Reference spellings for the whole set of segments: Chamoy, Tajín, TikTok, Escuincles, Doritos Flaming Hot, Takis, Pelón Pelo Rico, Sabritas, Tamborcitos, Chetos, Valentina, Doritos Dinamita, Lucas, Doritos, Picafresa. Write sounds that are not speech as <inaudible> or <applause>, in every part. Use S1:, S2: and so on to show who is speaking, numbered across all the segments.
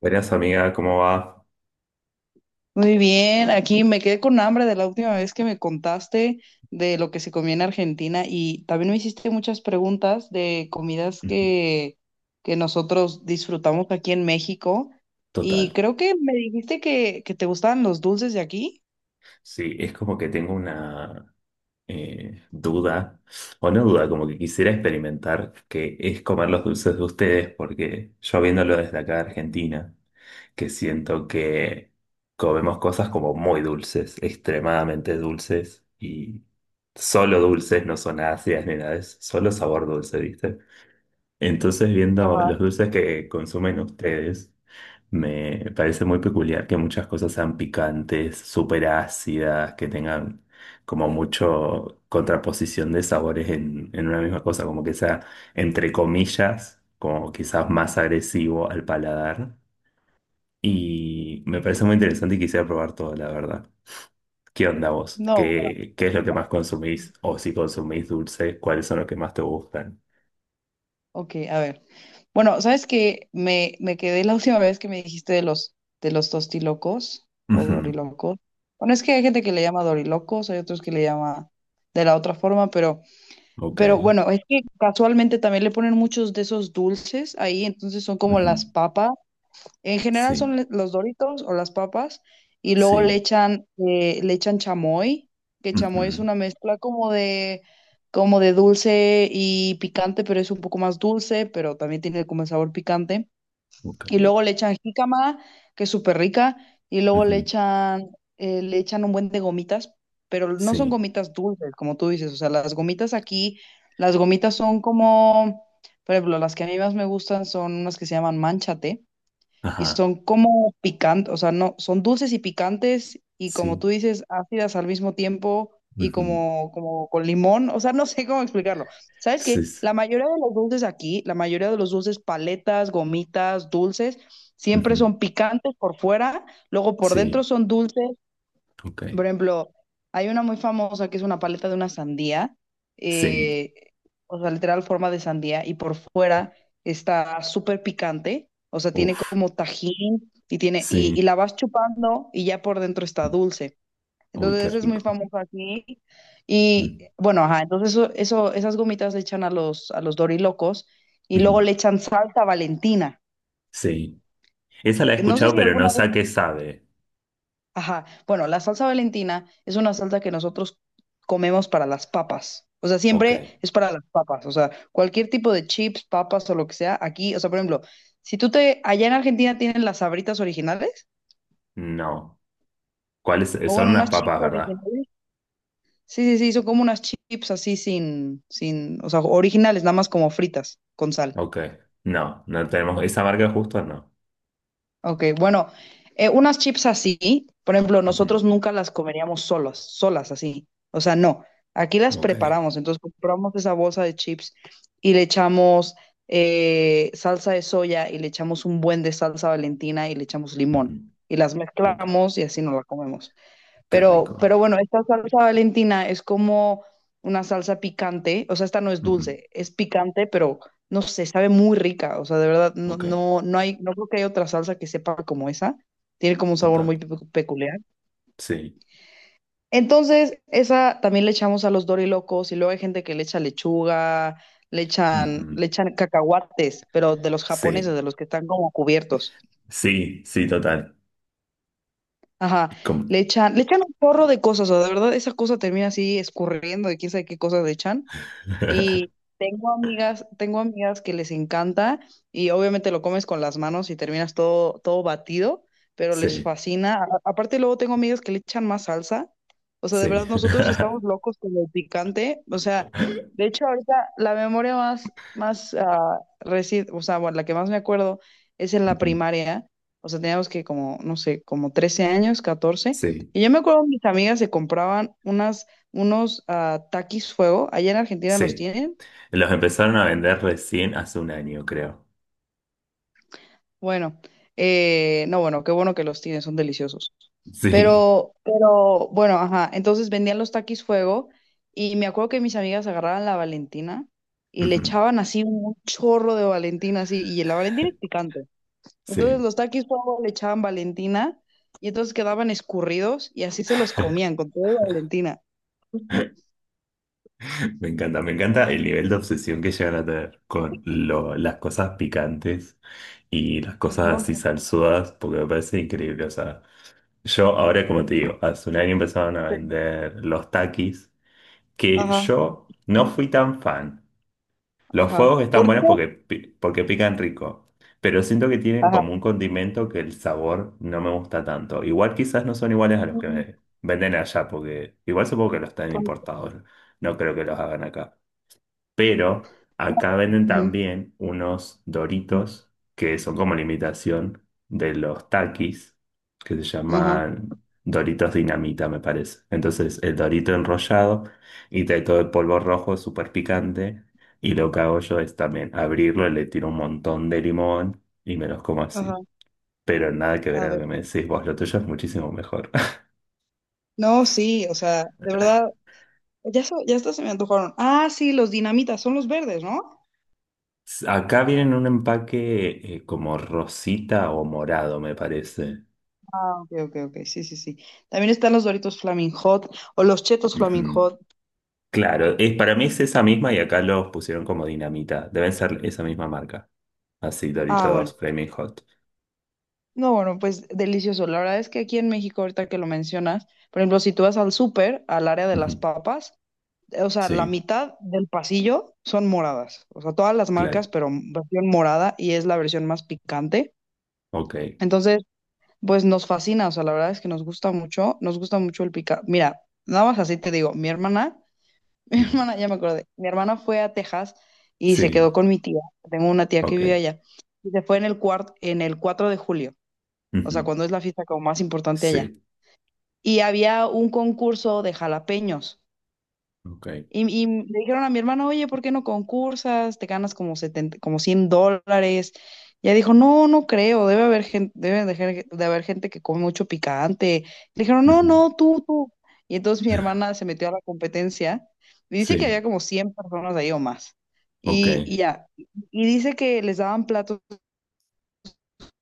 S1: Buenas amiga, ¿cómo va?
S2: Muy bien, aquí me quedé con hambre de la última vez que me contaste de lo que se comía en Argentina y también me hiciste muchas preguntas de comidas
S1: Ujú.
S2: que nosotros disfrutamos aquí en México, y
S1: Total.
S2: creo que me dijiste que te gustaban los dulces de aquí.
S1: Sí, es como que tengo una duda, o no duda, como que quisiera experimentar que es comer los dulces de ustedes, porque yo viéndolo desde acá de Argentina, que siento que comemos cosas como muy dulces, extremadamente dulces, y solo dulces, no son ácidas ni nada, es solo sabor dulce, ¿viste? Entonces, viendo
S2: Ajá.
S1: los dulces que consumen ustedes, me parece muy peculiar que muchas cosas sean picantes, súper ácidas, que tengan como mucho contraposición de sabores en una misma cosa, como que sea, entre comillas, como quizás más agresivo al paladar. Y me parece muy interesante y quisiera probar todo, la verdad. ¿Qué onda vos?
S2: No,
S1: ¿Qué es lo que más consumís? O si consumís dulce, ¿cuáles son los que más te gustan?
S2: ok, a ver. Bueno, ¿sabes que me quedé la última vez que me dijiste de de los tostilocos
S1: <laughs>
S2: o
S1: Ujú.
S2: dorilocos. Bueno, es que hay gente que le llama dorilocos, hay otros que le llama de la otra forma, pero... Pero
S1: Ok.
S2: bueno, es que casualmente también le ponen muchos de esos dulces ahí, entonces son como las
S1: Ujú.
S2: papas. En general
S1: Sí,
S2: son los Doritos o las papas, y luego
S1: sí.
S2: le echan chamoy, que chamoy es
S1: Ujú.
S2: una mezcla como de dulce y picante, pero es un poco más dulce, pero también tiene como el sabor picante.
S1: Ok.
S2: Y luego le echan jícama, que es súper rica, y luego
S1: Ujú.
S2: le echan un buen de gomitas, pero no son
S1: Sí.
S2: gomitas dulces, como tú dices, o sea, las gomitas aquí, las gomitas son como, por ejemplo, las que a mí más me gustan son unas que se llaman manchate, y
S1: Ajá.
S2: son como picantes, o sea, no, son dulces y picantes y como
S1: Sí.
S2: tú dices, ácidas al mismo tiempo y
S1: Ujú.
S2: como, como con limón, o sea, no sé cómo explicarlo. ¿Sabes
S1: Sí.
S2: qué?
S1: Sí.
S2: La mayoría de los dulces aquí, la mayoría de los dulces, paletas, gomitas, dulces, siempre
S1: Ujú,
S2: son picantes por fuera, luego por dentro
S1: sí.
S2: son dulces.
S1: Ok.
S2: Por ejemplo, hay una muy famosa que es una paleta de una sandía,
S1: Sí.
S2: eh, o sea, literal forma de sandía, y por fuera está súper picante, o sea, tiene
S1: Uf.
S2: como tajín y
S1: Sí.
S2: la vas chupando y ya por dentro está
S1: mm,
S2: dulce.
S1: Uy,
S2: Entonces,
S1: qué
S2: esa es muy
S1: rico.
S2: famosa aquí. Y
S1: mm,
S2: bueno, ajá, entonces esas gomitas le echan a a los dorilocos y luego
S1: ujú.
S2: le echan salsa Valentina.
S1: Sí. Esa la he
S2: Que No sé
S1: escuchado,
S2: si
S1: pero no
S2: alguna
S1: sé
S2: vez
S1: a qué sabe.
S2: Ajá. Bueno, la salsa Valentina es una salsa que nosotros comemos para las papas. O sea,
S1: Ok.
S2: siempre es para las papas. O sea, cualquier tipo de chips, papas o lo que sea, aquí, o sea, por ejemplo, si allá en Argentina tienen las Sabritas originales,
S1: No. ¿Cuáles?
S2: o
S1: Son
S2: bueno,
S1: unas
S2: unas chips
S1: papas, ¿verdad?
S2: originales. Sí, sí, sí, son como unas chips así sin, o sea, originales, nada más como fritas, con sal.
S1: Ok. No, no tenemos. ¿Esa marca justo? No.
S2: Ok, bueno, unas chips así, por ejemplo,
S1: Ujú.
S2: nosotros nunca las comeríamos solas, solas así. O sea, no. Aquí las
S1: Ok.
S2: preparamos. Entonces compramos esa bolsa de chips y le echamos salsa de soya y le echamos un buen de salsa Valentina y le echamos
S1: Ujú.
S2: limón. Y las
S1: Ok.
S2: mezclamos y así nos la comemos.
S1: Qué rico.
S2: Pero bueno, esta salsa Valentina es como una salsa picante, o sea, esta no es
S1: Ujú.
S2: dulce, es picante, pero no sé, sabe muy rica, o sea, de verdad,
S1: Ok.
S2: no hay, no creo que haya otra salsa que sepa como esa, tiene como un sabor
S1: Total.
S2: muy peculiar.
S1: Sí.
S2: Entonces, esa también le echamos a los dorilocos y luego hay gente que le echa lechuga,
S1: Ujú.
S2: le echan cacahuates, pero de los japoneses,
S1: Sí,
S2: de los que están como cubiertos.
S1: sí, sí, total.
S2: Ajá,
S1: Como-
S2: le echan un porro de cosas, o sea, de verdad, esa cosa termina así escurriendo y quién sabe qué cosas le echan. Y
S1: <laughs>
S2: tengo amigas que les encanta y obviamente lo comes con las manos y terminas todo batido, pero les
S1: Sí,
S2: fascina. A- aparte luego tengo amigas que le echan más salsa. O sea, de
S1: sí.
S2: verdad nosotros estamos
S1: <laughs>
S2: locos con el picante. O sea, de hecho ahorita la memoria más o sea, bueno, la que más me acuerdo es en la
S1: Ujú.
S2: primaria. O sea, teníamos que como, no sé, como 13 años, 14.
S1: Sí,
S2: Y yo me acuerdo mis amigas se compraban unas unos taquis fuego. Allá en Argentina los
S1: sí.
S2: tienen.
S1: Los empezaron a vender recién hace un año, creo.
S2: Bueno, no, bueno, qué bueno que los tienen, son deliciosos.
S1: Sí.
S2: Bueno, ajá. Entonces vendían los taquis fuego y me acuerdo que mis amigas agarraban la Valentina y le
S1: Ujú.
S2: echaban así un chorro de Valentina, así, y la Valentina es picante. Entonces
S1: Sí.
S2: los taquis fuego le echaban Valentina y entonces quedaban escurridos y así se los comían con todo Valentina.
S1: Me encanta el nivel de obsesión que llegan a tener con las cosas picantes y las cosas
S2: No
S1: así salsudas, porque me parece increíble. O sea, yo ahora, como te digo, hace un año empezaron a
S2: sé.
S1: vender los takis, que
S2: Ajá,
S1: yo no fui tan fan. Los
S2: ajá.
S1: fuegos están
S2: ¿Por
S1: buenos
S2: qué?
S1: porque, porque pican rico, pero siento que tienen
S2: Ajá.
S1: como un condimento que el sabor no me gusta tanto. Igual quizás no son iguales a los que venden allá, porque igual supongo que los están importados. No creo que los hagan acá. Pero acá venden
S2: Ujú.
S1: también unos Doritos que son como la imitación de los Takis, que se
S2: Ajá.
S1: llaman Doritos Dinamita, me parece. Entonces, el Dorito enrollado y trae todo el polvo rojo súper picante. Y lo que hago yo es también abrirlo, y le tiro un montón de limón y me los como
S2: Ajá,
S1: así. Pero nada que ver
S2: a
S1: a lo
S2: ver.
S1: que me decís vos, lo tuyo es muchísimo mejor.
S2: No, sí, o sea, de verdad, ya, ya hasta se me antojaron. Ah, sí, los dinamitas, son los verdes, ¿no?
S1: <laughs> Acá vienen en un empaque como rosita o morado, me parece.
S2: Ah, ok, ok, ok, sí, sí, sí. También están los Doritos Flaming Hot o los Chetos Flaming
S1: Ujú.
S2: Hot.
S1: Claro, es, para mí es esa misma y acá los pusieron como dinamita. Deben ser esa misma marca. Así,
S2: Ah, bueno.
S1: Doritos Flaming Hot.
S2: No, bueno, pues delicioso. La verdad es que aquí en México, ahorita que lo mencionas, por ejemplo, si tú vas al súper, al área de las
S1: Ujú.
S2: papas, o sea, la
S1: Sí,
S2: mitad del pasillo son moradas. O sea, todas las
S1: claro.
S2: marcas, pero versión morada y es la versión más picante.
S1: Ok.
S2: Entonces, pues nos fascina, o sea, la verdad es que nos gusta mucho el pica. Mira, nada más así te digo, <laughs>
S1: Ujú.
S2: ya me acordé, mi hermana fue a Texas y se quedó
S1: Sí,
S2: con mi tía, tengo una tía que
S1: ok.
S2: vive allá, y se fue en en el 4 de julio, o sea,
S1: Ujú.
S2: cuando es la fiesta como más importante allá.
S1: Sí,
S2: Y había un concurso de jalapeños.
S1: ok.
S2: Y le dijeron a mi hermana, oye, ¿por qué no concursas? Te ganas como 70, como 100 dólares. Y ella dijo, no, no creo, debe haber gente, de haber gente que come mucho picante. Le dijeron, no,
S1: Ujú.
S2: no, tú. Y entonces mi
S1: <laughs>
S2: hermana se metió a la competencia y dice que
S1: Sí,
S2: había como 100 personas ahí o más.
S1: ok.
S2: Y dice que les daban platos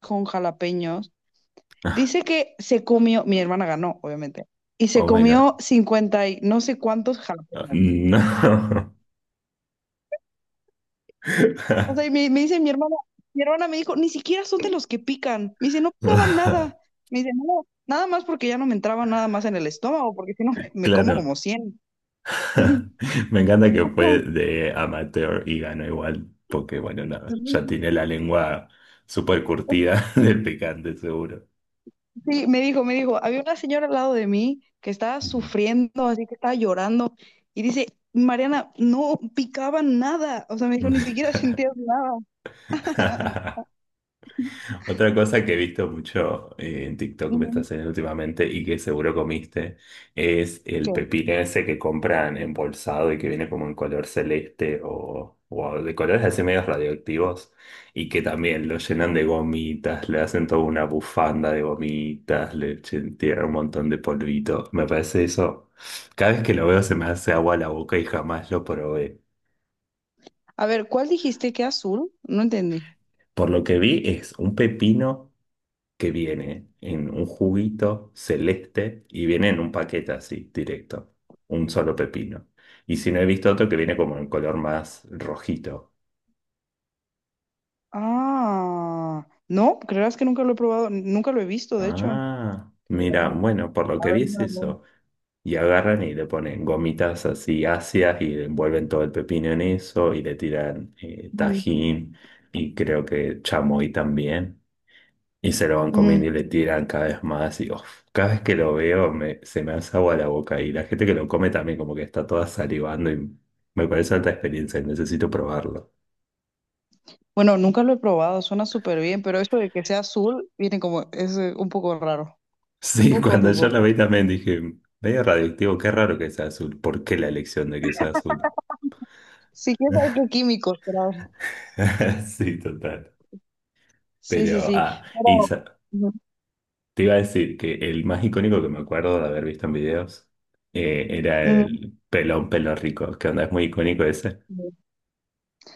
S2: con jalapeños. Dice
S1: <laughs>
S2: que se comió, mi hermana ganó, obviamente, y se
S1: Oh my God.
S2: comió 50 y no sé cuántos jalapeños.
S1: No.
S2: O sea,
S1: <laughs>
S2: me dice mi hermana me dijo, ni siquiera son de los que pican. Me dice, no picaban nada. Me dice, no, nada más porque ya no me entraba nada más en el estómago, porque si no me como
S1: Claro.
S2: como 100. <laughs>
S1: <laughs> Me encanta que fue de amateur y ganó igual, porque bueno, nada, ya tiene la lengua súper curtida <laughs> del picante, seguro.
S2: Sí, me dijo, había una señora al lado de mí que estaba
S1: Ujú.
S2: sufriendo, así que estaba llorando, y dice, Mariana, no picaban nada. O sea, me dijo, ni siquiera sentías nada. <laughs>
S1: <laughs> Otra cosa que he visto mucho en TikTok me está
S2: Ujú.
S1: haciendo últimamente y que seguro comiste es el
S2: ¿Qué?
S1: pepino ese que compran embolsado y que viene como en color celeste o de colores así medios radioactivos y que también lo llenan de gomitas, le hacen toda una bufanda de gomitas, tiran un montón de polvito. Me parece eso, cada vez que lo veo se me hace agua a la boca y jamás lo probé.
S2: A ver, ¿cuál dijiste que azul? No entendí.
S1: Por lo que vi es un pepino que viene en un juguito celeste y viene en un paquete así, directo, un solo pepino. Y si no he visto otro que viene como en color más rojito.
S2: Ah, no, creerás que nunca lo he probado, nunca lo he visto, de hecho.
S1: Ah,
S2: Qué
S1: mira,
S2: raro.
S1: bueno, por lo que vi es
S2: Ábrelo.
S1: eso. Y agarran y le ponen gomitas así ácidas y envuelven todo el pepino en eso y le tiran
S2: Mm.
S1: tajín y creo que chamoy también. Y se lo van
S2: Ujú.
S1: comiendo y le tiran cada vez más y uf, cada vez que lo veo se me hace agua la boca y la gente que lo come también como que está toda salivando y me parece alta experiencia y necesito probarlo.
S2: Bueno, nunca lo he probado, suena súper bien, pero eso de que sea azul viene como, es un poco raro, un
S1: Sí, <laughs>
S2: poco
S1: cuando yo
S2: dudo.
S1: lo vi también dije, medio radioactivo, qué raro que sea azul, ¿por qué la elección de que sea azul?
S2: Sí, quién sabe qué químicos trae.
S1: <laughs> Sí, total.
S2: Sí, sí,
S1: Pero,
S2: sí.
S1: ah, y
S2: Pero,
S1: sa-
S2: ujú,
S1: Te iba a decir que el más icónico que me acuerdo de haber visto en videos era el pelón pelo rico, que onda es muy icónico ese.
S2: ujú.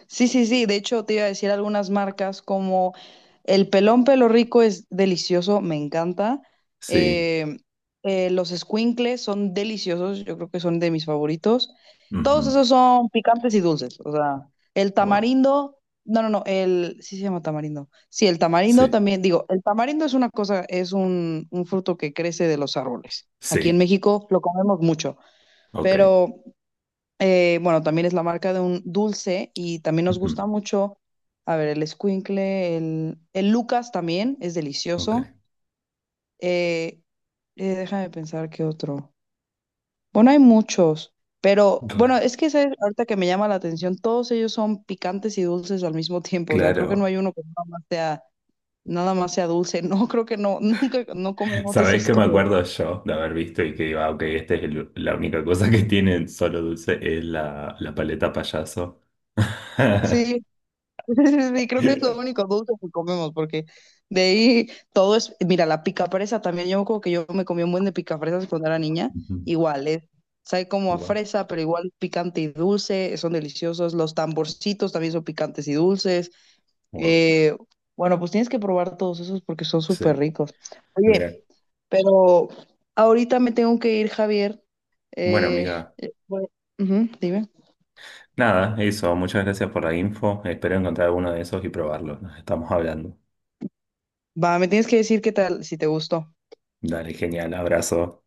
S2: Sí, sí, sí. De hecho, te iba a decir algunas marcas como el pelón pelo rico es delicioso, me encanta.
S1: Sí.
S2: Eh, los escuincles son deliciosos, yo creo que son de mis favoritos. Todos
S1: Ujú.
S2: esos son picantes y dulces. O sea, el
S1: Wow.
S2: tamarindo, no, no, no, el, sí se llama tamarindo. Sí, el tamarindo
S1: Sí,
S2: también, digo, el tamarindo es una cosa, es un fruto que crece de los árboles. Aquí en
S1: sí,
S2: México lo comemos mucho,
S1: ok.
S2: pero bueno, también es la marca de un dulce y también nos gusta
S1: Ujú.
S2: mucho, a ver, el escuincle, el Lucas también es
S1: Ok.
S2: delicioso. Eh, déjame pensar qué otro. Bueno, hay muchos, pero
S1: Cla-
S2: bueno, es que ¿sabes? Ahorita que me llama la atención, todos ellos son picantes y dulces al mismo tiempo. O sea, creo que no
S1: Claro.
S2: hay uno que nada más sea dulce. <laughs> No, creo que no, nunca, no comemos
S1: ¿Sabéis
S2: esas
S1: que me
S2: cosas.
S1: acuerdo yo de haber visto y que digo, ah, ok, esta es la única cosa que tienen solo dulce es la paleta payaso?
S2: Sí,
S1: <laughs>
S2: <laughs> sí, sí, sí, creo que es lo único dulce que comemos, porque de ahí todo es, mira, la picafresa también, yo como que yo me comí un buen de picafresas cuando era niña,
S1: Ujú.
S2: igual, es, sabe como a
S1: Wow,
S2: fresa, pero igual picante y dulce, son deliciosos, los tamborcitos también son picantes y dulces,
S1: wow.
S2: eh, bueno, pues tienes que probar todos esos porque son
S1: Sí.
S2: súper ricos.
S1: Mira.
S2: Oye, pero ahorita me tengo que ir, Javier,
S1: Bueno,
S2: eh,
S1: amiga.
S2: bueno, ujú, dime,
S1: Nada, eso. Muchas gracias por la info. Espero encontrar alguno de esos y probarlo. Nos estamos hablando.
S2: va, me tienes que decir qué tal, si te gustó.
S1: Dale, genial. Abrazo.